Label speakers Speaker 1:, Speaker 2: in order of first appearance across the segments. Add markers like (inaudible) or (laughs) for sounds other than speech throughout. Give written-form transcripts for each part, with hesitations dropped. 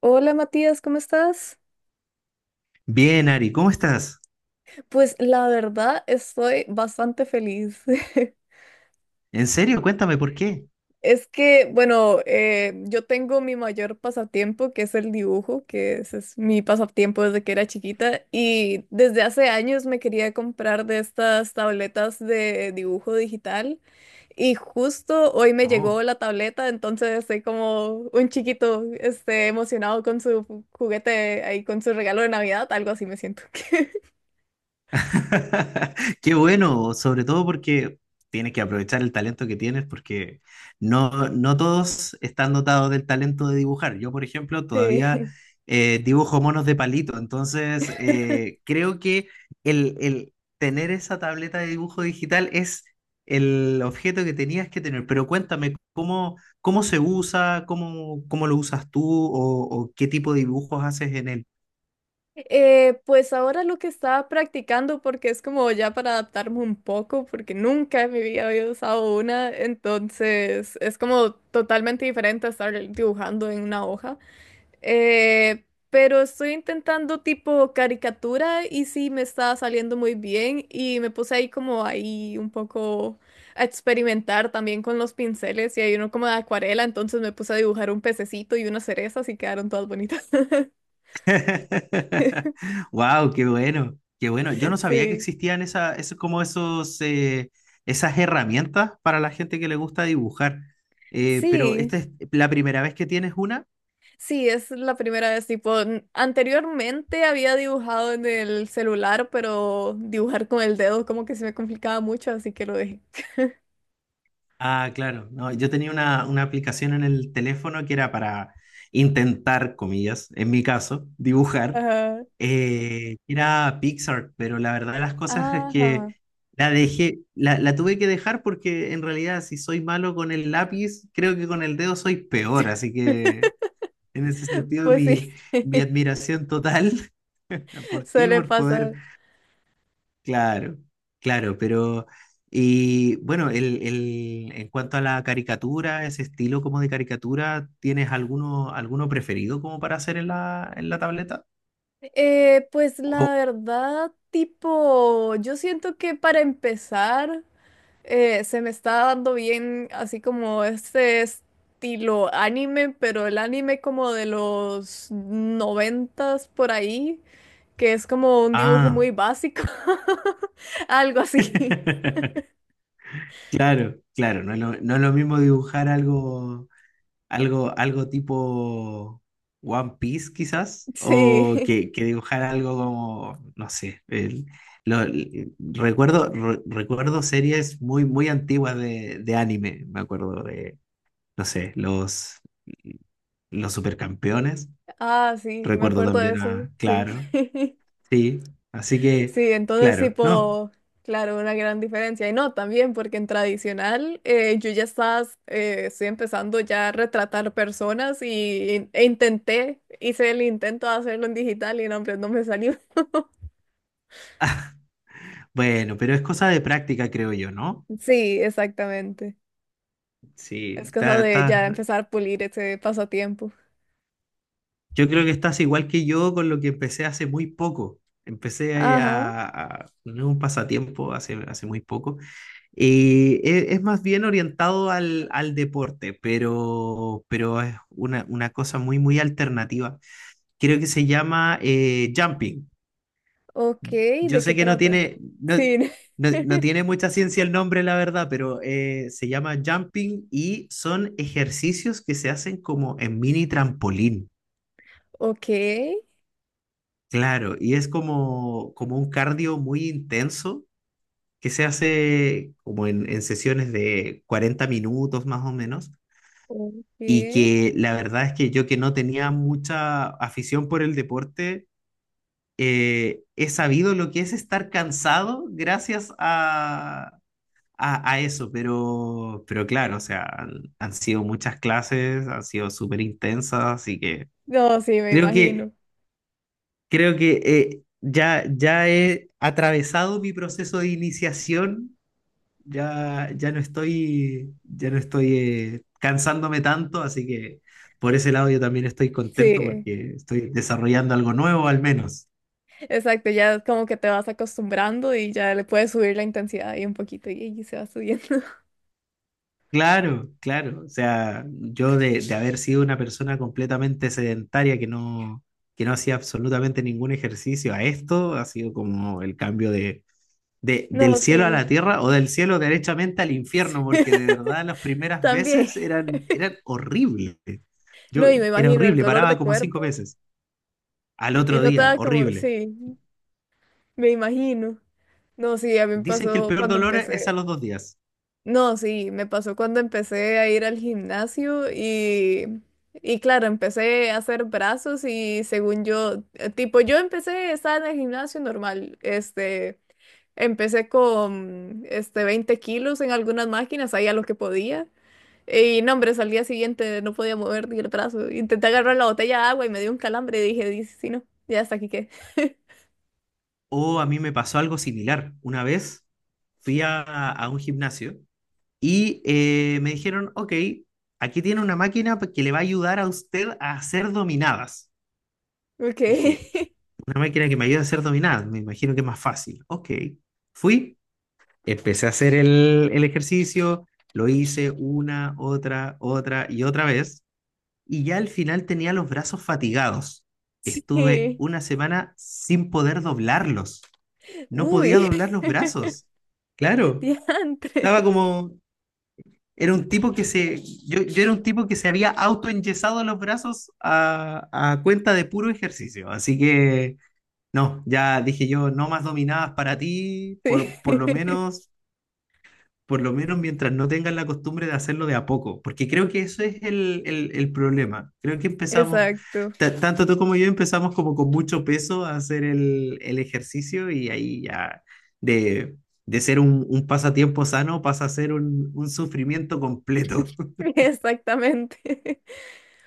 Speaker 1: Hola Matías, ¿cómo estás?
Speaker 2: Bien, Ari, ¿cómo estás?
Speaker 1: Pues la verdad estoy bastante feliz. (laughs)
Speaker 2: ¿En serio? Cuéntame por qué.
Speaker 1: Es que, bueno, yo tengo mi mayor pasatiempo, que es el dibujo, que ese es mi pasatiempo desde que era chiquita y desde hace años me quería comprar de estas tabletas de dibujo digital y justo hoy me llegó
Speaker 2: No.
Speaker 1: la tableta, entonces estoy como un chiquito, este, emocionado con su juguete ahí, con su regalo de Navidad, algo así me siento. (laughs)
Speaker 2: (laughs) Qué bueno, sobre todo porque tienes que aprovechar el talento que tienes, porque no, no todos están dotados del talento de dibujar. Yo, por ejemplo, todavía
Speaker 1: Sí.
Speaker 2: dibujo monos de palito, entonces creo que el tener esa tableta de dibujo digital es el objeto que tenías que tener. Pero cuéntame, ¿cómo, cómo se usa? ¿Cómo, cómo lo usas tú? O qué tipo de dibujos haces en él?
Speaker 1: Pues ahora lo que estaba practicando, porque es como ya para adaptarme un poco, porque nunca en mi vida había usado una, entonces es como totalmente diferente a estar dibujando en una hoja. Eh, pero estoy intentando tipo caricatura y sí me está saliendo muy bien y me puse ahí como ahí un poco a experimentar también con los pinceles y hay uno como de acuarela, entonces me puse a dibujar un pececito y una cereza, y quedaron todas bonitas. (laughs)
Speaker 2: (laughs) Wow, qué bueno, qué bueno. Yo no sabía que
Speaker 1: Sí.
Speaker 2: existían esa, como esos, esas herramientas para la gente que le gusta dibujar. Pero
Speaker 1: Sí.
Speaker 2: esta es la primera vez que tienes una.
Speaker 1: Sí, es la primera vez, tipo, anteriormente había dibujado en el celular, pero dibujar con el dedo como que se me complicaba mucho, así que lo dejé.
Speaker 2: Ah, claro. No, yo tenía una aplicación en el teléfono que era para intentar, comillas, en mi caso, dibujar.
Speaker 1: Ajá,
Speaker 2: Era Pixar, pero la verdad de las cosas es que
Speaker 1: ajá,
Speaker 2: la dejé, la tuve que dejar porque en realidad si soy malo con el lápiz, creo que con el dedo soy peor, así que en ese sentido
Speaker 1: pues sí,
Speaker 2: mi admiración total (laughs)
Speaker 1: (laughs)
Speaker 2: por ti,
Speaker 1: suele
Speaker 2: por poder,
Speaker 1: pasar.
Speaker 2: claro, claro, pero... Y bueno, en cuanto a la caricatura, ese estilo como de caricatura, ¿tienes alguno, alguno preferido como para hacer en la tableta?
Speaker 1: Pues
Speaker 2: O-
Speaker 1: la verdad, tipo, yo siento que para empezar se me está dando bien así como este estilo anime, pero el anime como de los noventas por ahí, que es como un dibujo
Speaker 2: ah.
Speaker 1: muy básico, (laughs) algo así.
Speaker 2: (laughs) Claro, claro, no es lo, no es lo mismo dibujar algo, algo, algo tipo One Piece quizás, o
Speaker 1: Sí,
Speaker 2: que dibujar algo como, no sé, recuerdo, recuerdo series muy, muy antiguas de anime, me acuerdo de, no sé, los Supercampeones,
Speaker 1: ah, sí, me
Speaker 2: recuerdo
Speaker 1: acuerdo de
Speaker 2: también
Speaker 1: eso,
Speaker 2: a,
Speaker 1: sí.
Speaker 2: claro,
Speaker 1: (laughs)
Speaker 2: sí, así que,
Speaker 1: Sí, entonces
Speaker 2: claro, no,
Speaker 1: tipo, claro, una gran diferencia. Y no, también porque en tradicional estoy empezando ya a retratar personas y, e intenté, hice el intento de hacerlo en digital y no, hombre, no me salió. (laughs)
Speaker 2: bueno, pero es cosa de práctica, creo yo, ¿no?
Speaker 1: Sí, exactamente.
Speaker 2: Sí,
Speaker 1: Es cosa de ya
Speaker 2: está,
Speaker 1: empezar a pulir ese pasatiempo.
Speaker 2: yo creo que estás igual que yo con lo que empecé hace muy poco. Empecé
Speaker 1: Ajá.
Speaker 2: a, no es un pasatiempo hace, hace muy poco. Es, más bien orientado al, al deporte, pero es una cosa muy, muy alternativa. Creo que se llama jumping.
Speaker 1: Ok,
Speaker 2: Yo
Speaker 1: ¿de qué
Speaker 2: sé que no
Speaker 1: trata?
Speaker 2: tiene, no,
Speaker 1: Sí.
Speaker 2: no
Speaker 1: (laughs)
Speaker 2: tiene mucha ciencia el nombre, la verdad, pero se llama jumping y son ejercicios que se hacen como en mini trampolín.
Speaker 1: Ok,
Speaker 2: Claro, y es como, como un cardio muy intenso que se hace como en sesiones de 40 minutos más o menos, y
Speaker 1: ok.
Speaker 2: que la verdad es que yo que no tenía mucha afición por el deporte, he sabido lo que es estar cansado gracias a, a eso, pero claro, o sea, han sido muchas clases, han sido súper intensas, así que
Speaker 1: No, sí, me
Speaker 2: creo que
Speaker 1: imagino.
Speaker 2: creo que ya, ya he atravesado mi proceso de iniciación, ya, ya no estoy cansándome tanto, así que por ese lado yo también estoy contento
Speaker 1: Sí,
Speaker 2: porque estoy desarrollando algo nuevo al menos.
Speaker 1: exacto. Ya como que te vas acostumbrando y ya le puedes subir la intensidad ahí un poquito y se va subiendo. (laughs)
Speaker 2: Claro, claro. O sea, yo de haber sido una persona completamente sedentaria que no hacía absolutamente ningún ejercicio a esto, ha sido como el cambio de del
Speaker 1: No,
Speaker 2: cielo a
Speaker 1: sí.
Speaker 2: la tierra o del cielo derechamente al infierno, porque de verdad las primeras
Speaker 1: También.
Speaker 2: veces eran, eran horribles. Yo
Speaker 1: No, y me
Speaker 2: era
Speaker 1: imagino el
Speaker 2: horrible,
Speaker 1: dolor
Speaker 2: paraba
Speaker 1: de
Speaker 2: como cinco
Speaker 1: cuerpo.
Speaker 2: veces. Al
Speaker 1: Y
Speaker 2: otro
Speaker 1: no
Speaker 2: día,
Speaker 1: estaba como,
Speaker 2: horrible.
Speaker 1: sí, me imagino. No, sí, a mí me
Speaker 2: Dicen que el
Speaker 1: pasó
Speaker 2: peor
Speaker 1: cuando
Speaker 2: dolor es a
Speaker 1: empecé.
Speaker 2: los 2 días.
Speaker 1: No, sí, me pasó cuando empecé a ir al gimnasio y claro, empecé a hacer brazos y según yo, tipo, yo empecé, estaba en el gimnasio normal, este, empecé con, este, 20 kilos en algunas máquinas, ahí a lo que podía. Y no, hombre, al día siguiente no podía mover ni el brazo. Intenté agarrar la botella de agua y me dio un calambre y dije, dice, sí, no, ya hasta aquí qué. (laughs)
Speaker 2: O a mí me pasó algo similar. Una vez fui a un gimnasio y me dijeron, ok, aquí tiene una máquina que le va a ayudar a usted a hacer dominadas.
Speaker 1: Ok.
Speaker 2: Dije, una máquina que me ayuda a hacer dominadas, me imagino que es más fácil. Ok, fui, empecé a hacer el ejercicio, lo hice una, otra, otra y otra vez, y ya al final tenía los brazos fatigados. Estuve
Speaker 1: (laughs)
Speaker 2: una semana sin poder doblarlos. No podía
Speaker 1: Uy,
Speaker 2: doblar los brazos.
Speaker 1: (laughs)
Speaker 2: Claro,
Speaker 1: diantre.
Speaker 2: estaba como, era un tipo que se, yo era un tipo que se había autoenyesado los brazos a cuenta de puro ejercicio. Así que, no, ya dije yo, no más dominadas para ti,
Speaker 1: Sí.
Speaker 2: por lo menos mientras no tengan la costumbre de hacerlo de a poco, porque creo que eso es el, el problema. Creo que empezamos,
Speaker 1: Exacto,
Speaker 2: tanto tú como yo empezamos como con mucho peso a hacer el ejercicio y ahí ya de, de ser un pasatiempo sano pasa a ser un sufrimiento completo.
Speaker 1: (laughs) exactamente. (laughs)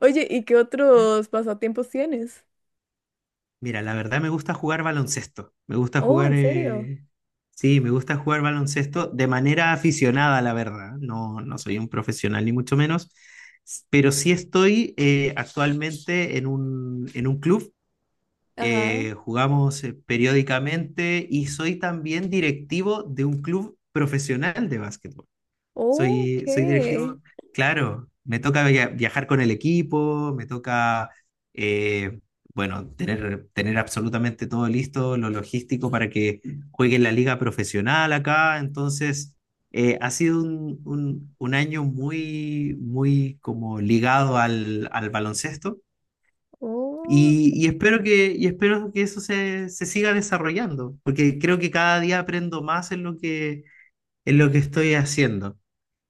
Speaker 1: Oye, ¿y qué otros pasatiempos tienes?
Speaker 2: Mira, la verdad me gusta jugar baloncesto. Me gusta
Speaker 1: Oh,
Speaker 2: jugar,
Speaker 1: ¿en serio?
Speaker 2: sí, me gusta jugar baloncesto de manera aficionada, la verdad. No, no soy un profesional ni mucho menos, pero sí estoy actualmente en un club.
Speaker 1: Ajá.
Speaker 2: Jugamos periódicamente y soy también directivo de un club profesional de básquetbol.
Speaker 1: Ok,
Speaker 2: Soy, soy directivo, claro, me toca viajar con el equipo, me toca, eh, bueno, tener, tener absolutamente todo listo, lo logístico para que juegue en la liga profesional acá. Entonces, ha sido un, un año muy, muy como ligado al, al baloncesto
Speaker 1: oh, ok.
Speaker 2: y espero que eso se, se siga desarrollando, porque creo que cada día aprendo más en lo que estoy haciendo.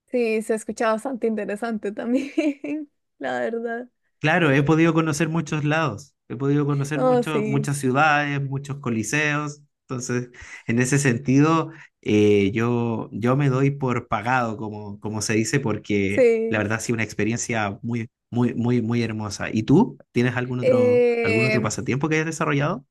Speaker 1: Sí, se escucha bastante interesante también, (laughs) la verdad.
Speaker 2: Claro, he podido conocer muchos lados, he podido conocer
Speaker 1: No, sí,
Speaker 2: muchas ciudades, muchos coliseos, entonces en ese sentido yo, yo me doy por pagado, como, como se dice, porque la
Speaker 1: sí.
Speaker 2: verdad ha sido una experiencia muy, muy, muy, muy hermosa. ¿Y tú? ¿Tienes algún otro
Speaker 1: Em,
Speaker 2: pasatiempo que hayas desarrollado?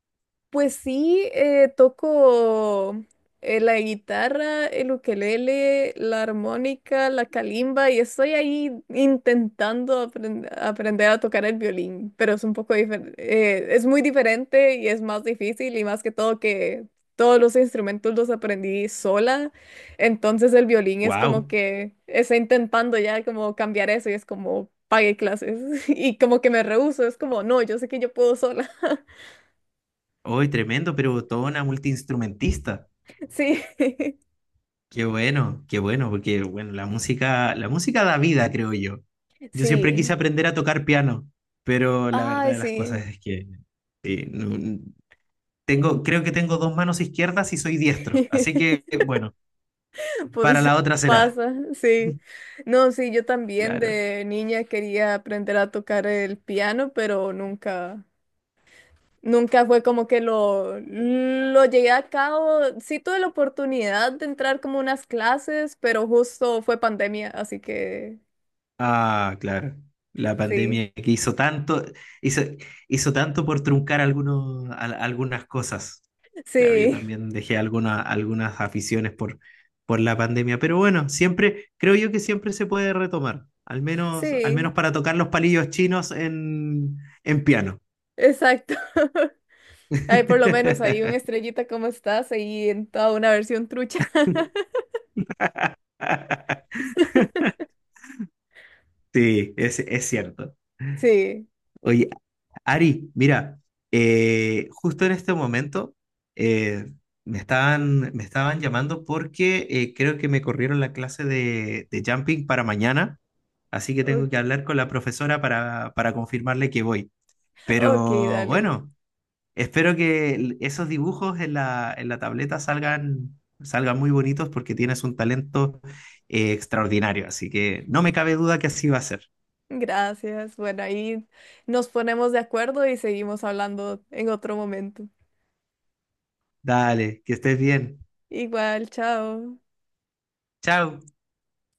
Speaker 1: pues sí, toco la guitarra, el ukelele, la armónica, la calimba y estoy ahí intentando aprender a tocar el violín, pero es un poco diferente, es muy diferente y es más difícil y más que todo que todos los instrumentos los aprendí sola, entonces el violín es como
Speaker 2: ¡Wow!
Speaker 1: que estoy intentando ya como cambiar eso y es como pagué clases (laughs) y como que me rehúso, es como no, yo sé que yo puedo sola,
Speaker 2: Hoy tremendo, pero toda una multiinstrumentista.
Speaker 1: (laughs) sí. (laughs)
Speaker 2: Qué bueno, porque bueno, la música da vida, creo yo. Yo siempre
Speaker 1: Sí,
Speaker 2: quise aprender a tocar piano, pero la verdad
Speaker 1: ay,
Speaker 2: de las cosas
Speaker 1: sí.
Speaker 2: es que eh, no- tengo, creo que tengo dos manos izquierdas y soy diestro, así que
Speaker 1: (laughs)
Speaker 2: bueno, para
Speaker 1: Pues
Speaker 2: la otra será,
Speaker 1: pasa, sí. No, sí, yo también
Speaker 2: claro.
Speaker 1: de niña quería aprender a tocar el piano, pero nunca, nunca fue como que lo llegué a cabo. Sí tuve la oportunidad de entrar como unas clases, pero justo fue pandemia, así que
Speaker 2: Ah, claro. La
Speaker 1: sí,
Speaker 2: pandemia que hizo tanto, hizo, hizo tanto por truncar algunos, algunas cosas. Claro, yo
Speaker 1: sí,
Speaker 2: también dejé algunas aficiones por la pandemia, pero bueno, siempre, creo yo que siempre se puede retomar, al
Speaker 1: sí,
Speaker 2: menos para tocar los palillos chinos en piano.
Speaker 1: exacto. (laughs) Ay, por lo menos ahí un
Speaker 2: (laughs)
Speaker 1: estrellita como estás, ahí en toda una versión trucha. (laughs)
Speaker 2: Sí, es cierto.
Speaker 1: Sí.
Speaker 2: Oye, Ari, mira, justo en este momento eh, me estaban llamando porque creo que me corrieron la clase de jumping para mañana, así que tengo
Speaker 1: Ok,
Speaker 2: que hablar con la profesora para confirmarle que voy.
Speaker 1: ok,
Speaker 2: Pero
Speaker 1: dale.
Speaker 2: bueno, espero que esos dibujos en la tableta salgan, salgan muy bonitos porque tienes un talento extraordinario, así que no me cabe duda que así va a ser.
Speaker 1: Gracias. Bueno, ahí nos ponemos de acuerdo y seguimos hablando en otro momento.
Speaker 2: Dale, que estés bien.
Speaker 1: Igual, chao.
Speaker 2: Chao.